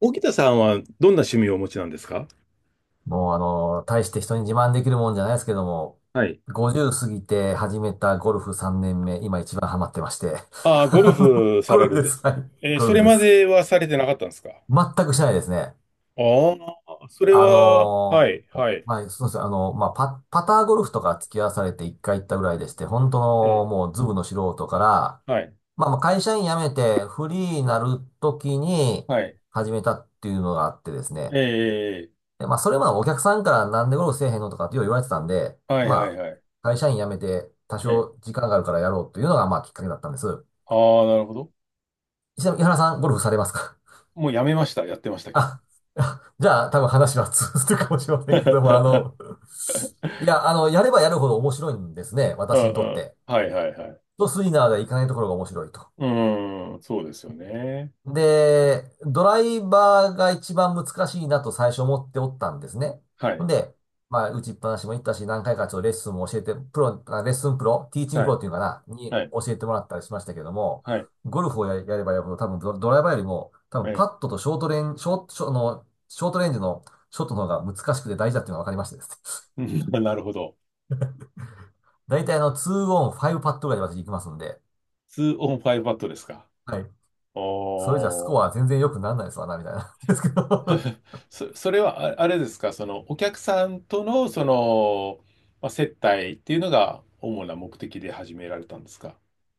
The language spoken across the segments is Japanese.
沖田さんはどんな趣味をお持ちなんですか？もう大して人に自慢できるもんじゃないですけども、はい。50過ぎて始めたゴルフ3年目、今一番ハマってまして。ああ、ゴルあのフさゴれルフるんでです。す。はい。ゴそルフれでます。ではされてなかったんですかあ？全くしないですね。あ、それは、はい、はい。そうですね。パターゴルフとか付き合わされて1回行ったぐらいでして、本当えのえ、もうズブの素人から、はい、まあ会社員辞めてフリーになるときにはい。始めたっていうのがあってですね。えでまあ、それまでお客さんからなんでゴルフせえへんのとかってよう言われてたんで、え、はい、はい、まはい。あ、会社員辞めて多え少ー時間があるからやろうというのが、まあ、きっかけだったんです。ああ、なるほど。ちなみに、井原さん、ゴルフされますか？ もうやめました。やってました けど。あ、じゃあ、多分話は通ずるかもしれま せんけども、うやればやるほど面白いんですね、んう私にとっん。て。はい、はい、はい。うと、スイナーで行かないところが面白いと。ーん、そうですよね。で、ドライバーが一番難しいなと最初思っておったんですね。はほんい、で、まあ、打ちっぱなしも行ったし、何回かちょっとレッスンも教えて、プロ、あレッスンプロ、ティーチングはプロい、っていうのかな、にはい、教えてもらったりしましたけども、はい。ゴルフをや、やればやるほど、多分ドライバーよりも、多え分パえ、ットとショートレン、ショート、ショあの、ショートレンジのショットの方が難しくて大事だっていうのが分かりましてですね。うん。 なるほど。大体あの、2オン、5パットぐらいで私行きますんで、2オン5バットですか？はい。それじゃスおー。 コア全然良くならないですわな、みたいな。ですけど それはああれですか、そのお客さんとのその、まあ、接待っていうのが主な目的で始められたんですか？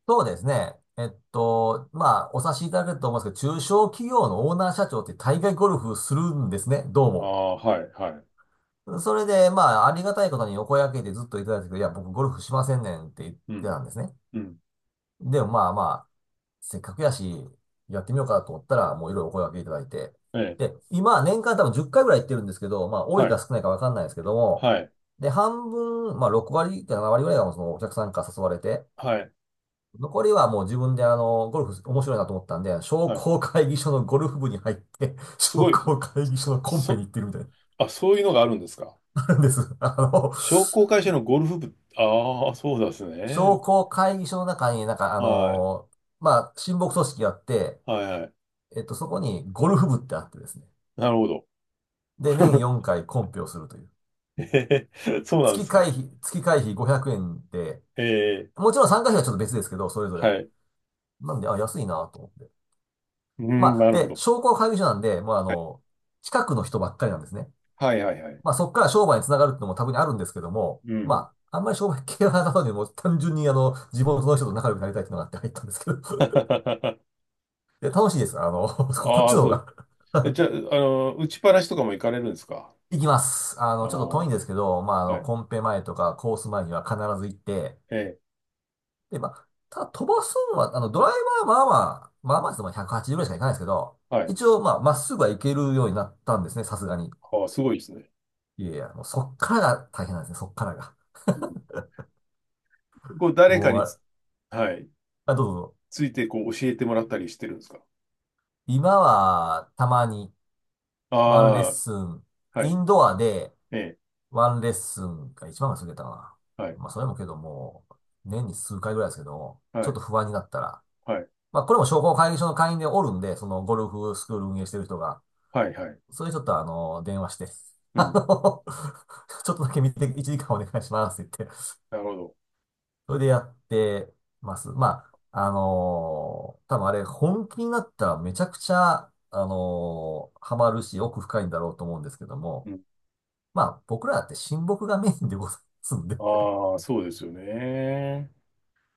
そうですね。えっと、まあ、お察しいただけると思うんですけど、中小企業のオーナー社長って大概ゴルフするんですね、どうあも。あ、はい、はい。それで、まあ、ありがたいことにお声掛けでずっといただいてたけどいや、僕ゴルフしませんねんって言ってうん、たんですね。うん、でもまあ、せっかくやし、やってみようかと思ったら、もういろいろお声掛けいただいて。ええ、で、今、年間多分10回ぐらい行ってるんですけど、まあ、多はいかい、少ないかわかんないですけども、はい、で、半分、まあ、6割か7割ぐらいがそのお客さんから誘われて、はい、残りはもう自分であの、ゴルフ面白いなと思ったんで、商はい。工会議所のゴルフ部に入って、す商ごいです。工会議そ、所のコンペそに行ってるみたいな、そういうのがあるんですか？あるんです。あの、商工会社のゴルフ部、ああ、そうですね。商工会議所の中にはい、まあ、親睦組織があって、はい、はい。えっと、そこにゴルフ部ってあってですね。なるほど。で、年4 回コンペをするという。ええ、そうなんですか？月会費500円で、ええ、もちろん参加費はちょっと別ですけど、それぞはれ。い。なんで、あ、安いなと思って。うん、まあ、なるほで、ど。商工会議所なんで、もうあはい、の、近くの人ばっかりなんですね。はい、はい、はい。まあそこから商売につながるってのも多分にあるんですけども、うん。まあ、あんまり商売系はなかったので、もう単純に地元の人と仲良くなりたいっていうのがあって入ったんですけど。で、楽しいです。あの、こっあちあ、の方そう。が はいじゃあ、打ちっぱなしとかも行かれるんですか？行きます。あああ、の、ちょっと遠いんですけど、はい。コンペ前とかコース前には必ず行って、ええ、で、まあ、ただ飛ばすのは、ドライバーはでも180ぐらいしか行かないですけど、はい。一応、まあ、まっすぐは行けるようになったんですね、さすがに。ああ、すごいですね。いやいや、もうそっからが大変なんですね、そっからが。うん、こう、誰かもう、にあれ、つ、はい、あ、どうぞ。ついてこう教えてもらったりしてるんですか？今は、たまに、ワンレッあスン、あ、はイい。ンドアで、ええ、ワンレッスンが一番が過ぎたかな。はい、まあ、それもけども、年に数回ぐらいですけど、はちょっい、と不安になったら、はい、まあ、これも商工会議所の会員でおるんで、そのゴルフスクール運営してる人が、はい、はい。それちょっと電話して、うあん、の、ちょっとだけ見て、1時間お願いしますってなるほど。それでやってます。まあ、多分あれ、本気になったらめちゃくちゃ、ハマるし、奥深いんだろうと思うんですけどうも、ん、まあ、僕らだって親睦がメインでございますんで。ああ、そうですよね。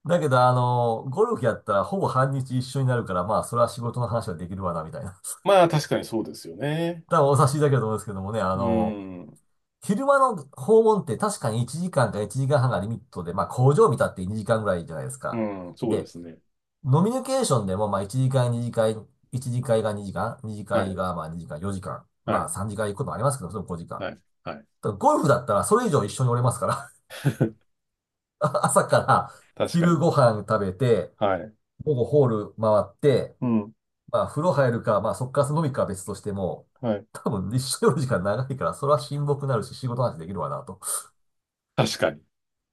だけど、ゴルフやったらほぼ半日一緒になるから、まあ、それは仕事の話はできるわな、みたいな。まあ、確かにそうですよね。多分お察しいただけると思うんですけどもね、うん、昼間の訪問って確かに1時間か1時間半がリミットで、まあ工場見たって2時間ぐらいじゃないですうか。ん、そうでで、すね。ノミニケーションでも、まあ、1次会が2時間、2次は会い、がまあ2時間、4時間、はまあい、3次会行くこともありますけど、それも5時間。はい、はい。ただゴルフだったらそれ以上一緒におれますから、朝から 確か昼に。ご飯食べて、はい。午後ホール回って、うん、まあ風呂入るか、まあそっから飲みかは別としても、はい。多分一緒におる時間長いから、それは親睦になるし仕事の話できるわなと。確かに。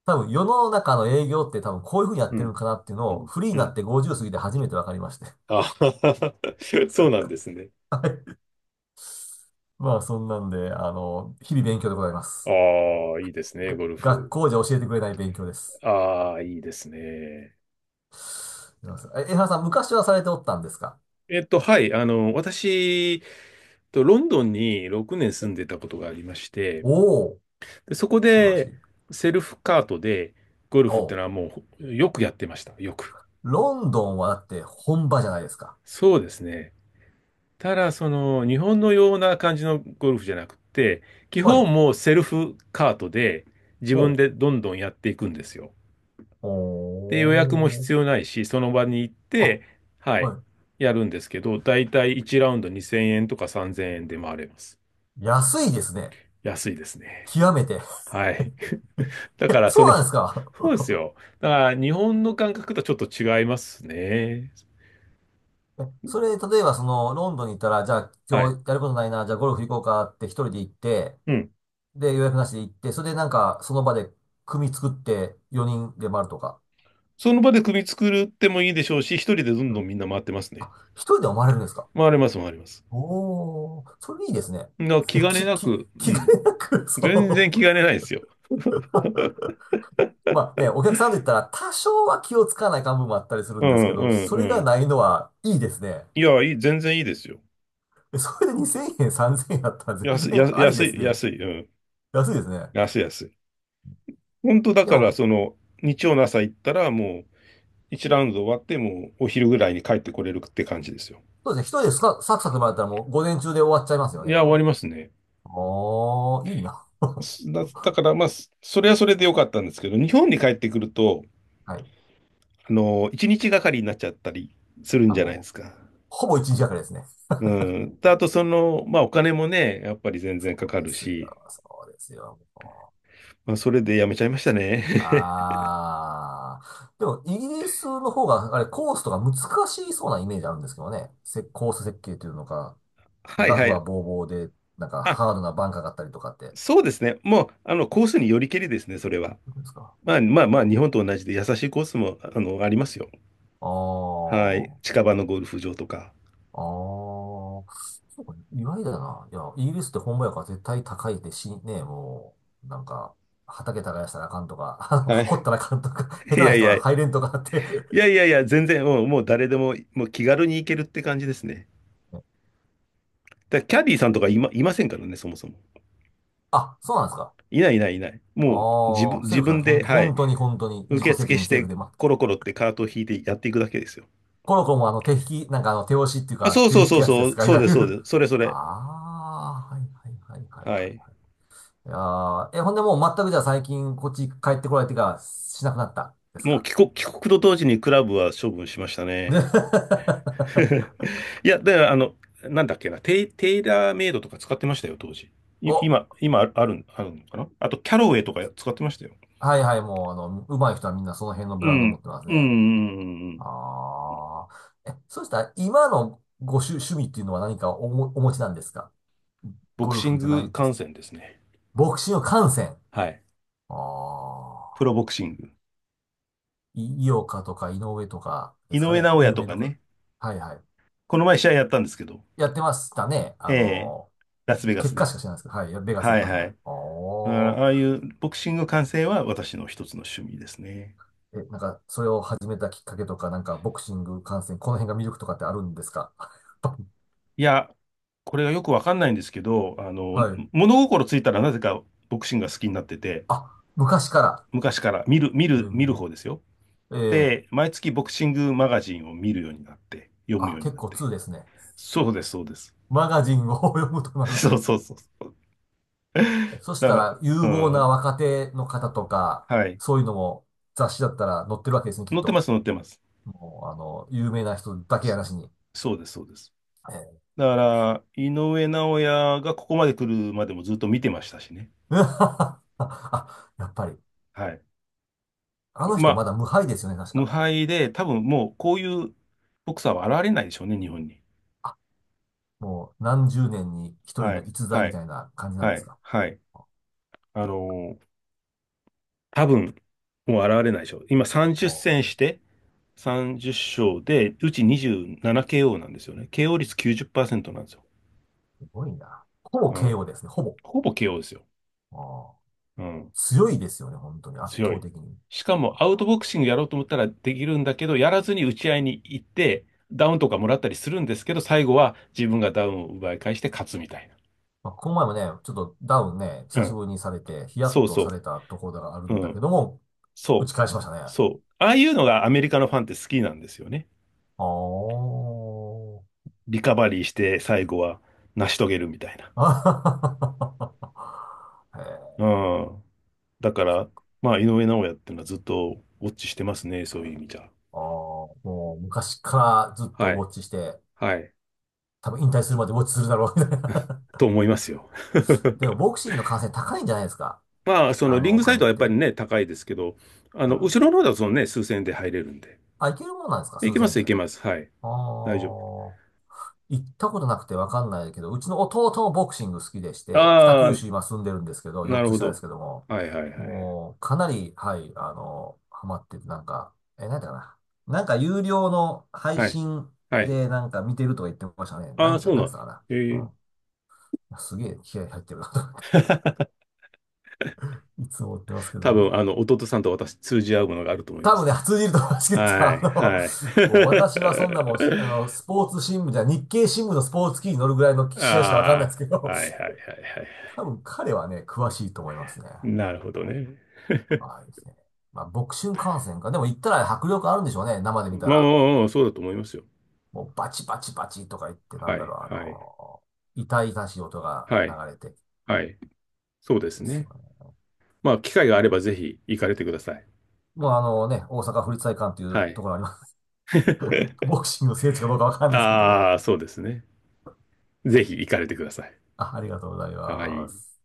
多分世の中の営業って多分こういうふうにやっうてるんん、かなっていううのをん、フリーにうなっん。て50過ぎて初めて分かりまして。あ。 そうなんですね。はいまあ、そんなんで、あの、日々勉強でございまあす。あ、いいですね、がゴル学フ。校じゃ教えてくれない勉強です。ああ、いいですね。すいません江原さん、昔はされておったんですか？はい、私、ロンドンに6年住んでたことがありまして、おおー、で、そこ素晴らしで、い。セルフカートで、ゴルおフってう、のはもう、よくやってました、よく。ロンドンはだって本場じゃないですか。そうですね。ただ、日本のような感じのゴルフじゃなくて、基はい。本もうセルフカートで、自ほ分でどんどんやっていくんですよ。う。おで、予約もー。必要ないし、その場に行っあ、て、はい、はやるんですけど、だいたい1ラウンド2000円とか3000円で回れます。い。安いですね。安いですね。極めて。はい。だかえ、ら、そうなんですか？そうですよ。だから、日本の感覚とはちょっと違いますね。それ、例えばその、ロンドンに行ったら、じゃあは今い。日やることないな、じゃあゴルフ行こうかって一人で行って、うん。で、予約なしで行って、それでなんか、その場で組作って4人で回るとか。その場で組作るってもいいでしょうし、一人でどんうどんん。みんな回ってますね。あ、一人でも回れるんですか？回れます、回れます。おー、それいいですね。な、気 兼ねき、なき、く、う気兼ん。ねなく、全そ然気う。兼ねないですよ。まあね、お客さんと言ったら多少は気をつかない感部分もあったりするうんですけん、うど、ん、そうれがん。ないのはいいですね。いや、いい、全然いいですよ。でそれで2000円、3000円あったら全安い、安然い、あり安ですい、ね。安い、うん。安いですね。安い、安い。本当だでから、も、日曜の朝行ったら、もう、1ラウンド終わって、もう、お昼ぐらいに帰ってこれるって感じですよ。そうですね、一人でスカサクサク回ったらもう午前中で終わっちゃいますよいね、や、多終わり分。ますね。おー、いいな。だから、まあ、それはそれで良かったんですけど、日本に帰ってくると、はい。1日がかりになっちゃったりするんあ、じゃないでもすう。か？ほぼ一日がかりですね。うん。であと、まあ、お金もね、やっぱり全そ然かうかでるすし、よ、そうですよ、もまあ、それでやめちゃいましたね。う。ああ。でも、イギリスの方が、あれ、コースとか難しそうなイメージあるんですけどね。コース設計というのか、はいラフははい。ボーボーで、なんかあ、ハードなバンカーがあったりとかって。そうですね。もう、コースによりけりですね、それは。どうですか？まあまああまあ、日本ーと同じで優しいコースも、ありますよ。あはい。ー、近場のゴルフ場とか。あー、そうか、意外だな。いや、イギリスって本場やから絶対高いってし、ね、もう、畑耕したらあかんとか、は掘っい。たらあかんとか、下手いやない人や、はい入れんとかあって。やいやいや、全然、うん、もう誰でも、もう気軽に行けるって感じですね。だからキャディーさんとかいませんからね、そもそも。あ、そうなんですか。いないいないいない。もうああ、セ自ルフなん分です。本で、当、はい、本当に自受己責付任しセルて、フで、まコロあ、コロってカートを引いてやっていくだけですよ。コロコロも手引き、手押しっていうあ、かそう手そでう引そくうやつでそう、すか、いそうわです、ゆそうる。です。それそ あれ。あ、はいはいはいはいははいい。はい。いやーえ、ほんでもう全くじゃあ最近こっち帰ってこられてからしなくなったですもうか。帰国と同時にクラブは処分しましたね。で いや、だからなんだっけな、テイラーメイドとか使ってましたよ、当時。お、今ある、あるあるのかなあと、キャロウェイとか使ってましたよ。はいはい、もう上手い人はみんなその辺のブうランドを持ん。ってますうんうね。んうんうん。ああ、え、そうしたら今の趣味っていうのは何かお持ちなんですか？ボゴクルシフンじゃなグいとし観て。戦ですね。ボクシング観戦。はい。あプロあ。ボクシング。井岡とか井上とかで井すか上ね。尚弥有と名かどころ。ね。はいはい。この前試合やったんですけど。やってましたね。ええ。ラスベガ結ス果しで。か知らないですけど、はい。ベガスやっはていましはたね。い。あおああいー。うボクシング観戦は私の一つの趣味ですね。え、それを始めたきっかけとか、ボクシング観戦、この辺が魅力とかってあるんですか？ いや、これがよくわかんないんですけど、はい。物心ついたらなぜかボクシングが好きになってて、あ、昔から。昔から見る、見える、見るー、方ですよ。えーで、毎月ボクシングマガジンを見るようになって、読むあ、ように結なっ構て。2ですね。そうです、そうです。マガジンを 読むと なるそうと、そうそうそう。そしだたから、ら、う有望なん、若手の方とか、はい。そういうのも雑誌だったら載ってるわけですね、きっ載ってまと。す、載ってます。もう、あの、有名な人だけやそなしに。そうです、そうです。ええ。 だから、井上尚弥がここまで来るまでもずっと見てましたしね。あ、やっぱり。はい。あのま人あ、まだ無敗ですよね、確無か。敗で、多分もうこういうボクサーは現れないでしょうね、日本に。あ、もう何十年に一人はのい、逸材はみい、たいな感じなんはですい、か。はい。あの多分、もう現れないでしょう。今30戦もして30勝で、うち 27KO ななケーオーなんですよね。KO 率90%なんですよ。う、すごいな。ほぼ うん。KO ですね、ほぼ。ほぼ KO ですよ。あー、うん。強いですよね、本当に、圧強倒い。的に。しかもあアウトボー、クシングやろうと思ったらできるんだけど、やらずに打ち合いに行って、ダウンとかもらったりするんですけど、最後は自分がダウンを奪い返して勝つみたいまあ、この前もね、ちょっとダウンね、な。う久しん。ぶりにされて、ヒヤそッうとそされたところがあるう。うんだけん。ども、打そちう。返しましたね。そう。ああいうのがアメリカのファンって好きなんですよね。あー、リカバリーして最後は成し遂げるみたいな。あ。へえ。ああ、だから、まあ、井上尚弥っていうのはずっとウォッチしてますね、そういう意味じゃ。ああ、もう昔からずっとはウい。ォッチして、はい。多分引退するまでウォッチするだろう、みたいな。と思いますよ。でもボクシングの観戦高いんじゃないですか。まあ、そのあリンの、おグサイ金ドっはやっぱりて。ね、高いですけど、うん。後ろの方だとそのね、数千円で入れるんで。あ、いけるもんなんですかい数けま千す、いで。ああ。けます。はい。大丈夫。行ったことなくてわかんないけど、うちの弟もボクシング好きでして、北あ九あ、州今住んでるんですけど、な4るつほ下ですど。けども、はいはいはい。もうかなり、はい、あの、ハマってて、なんか、え、なんだかな。なんか有料の配はい。信はい。でなんか見てるとか言ってましたね。なああ、んそか、うなんなつっんただ。かええ。な。うん。すげえ気合入ってるなとか いつも思ってますけ多ど分、も。弟さんと私通じ合うものがあると思いま多分す。ね、通じると思いますけど、はあい、の、はい。もう私はそんなもう、あの、スポーツ新聞じゃ、日経新聞のスポーツ記事に載るぐらいの 試合しかわかんないであすけあ、ど、はいはいはいはい。多分彼はね、詳しいと思いますね。なるほどね。はいですね。まあ、ボクシング観戦か。でも行ったら迫力あるんでしょうね。生で見たまあまあら。まあまあ、そうだと思いますよ。もうバチバチバチとか言って、なはんだい、ろう、はい、あの痛々しい音がは流い、れてはい。そうですですよね。ね。まあ、機会があればぜひ行かれてください。もうあのね、大阪府立体育館といはうとい。ころあります。ボクシングの聖地かどうかわかんないですけども。ああ、そうですね。ぜひ行かれてください。あ、ありがとうございはまい。す。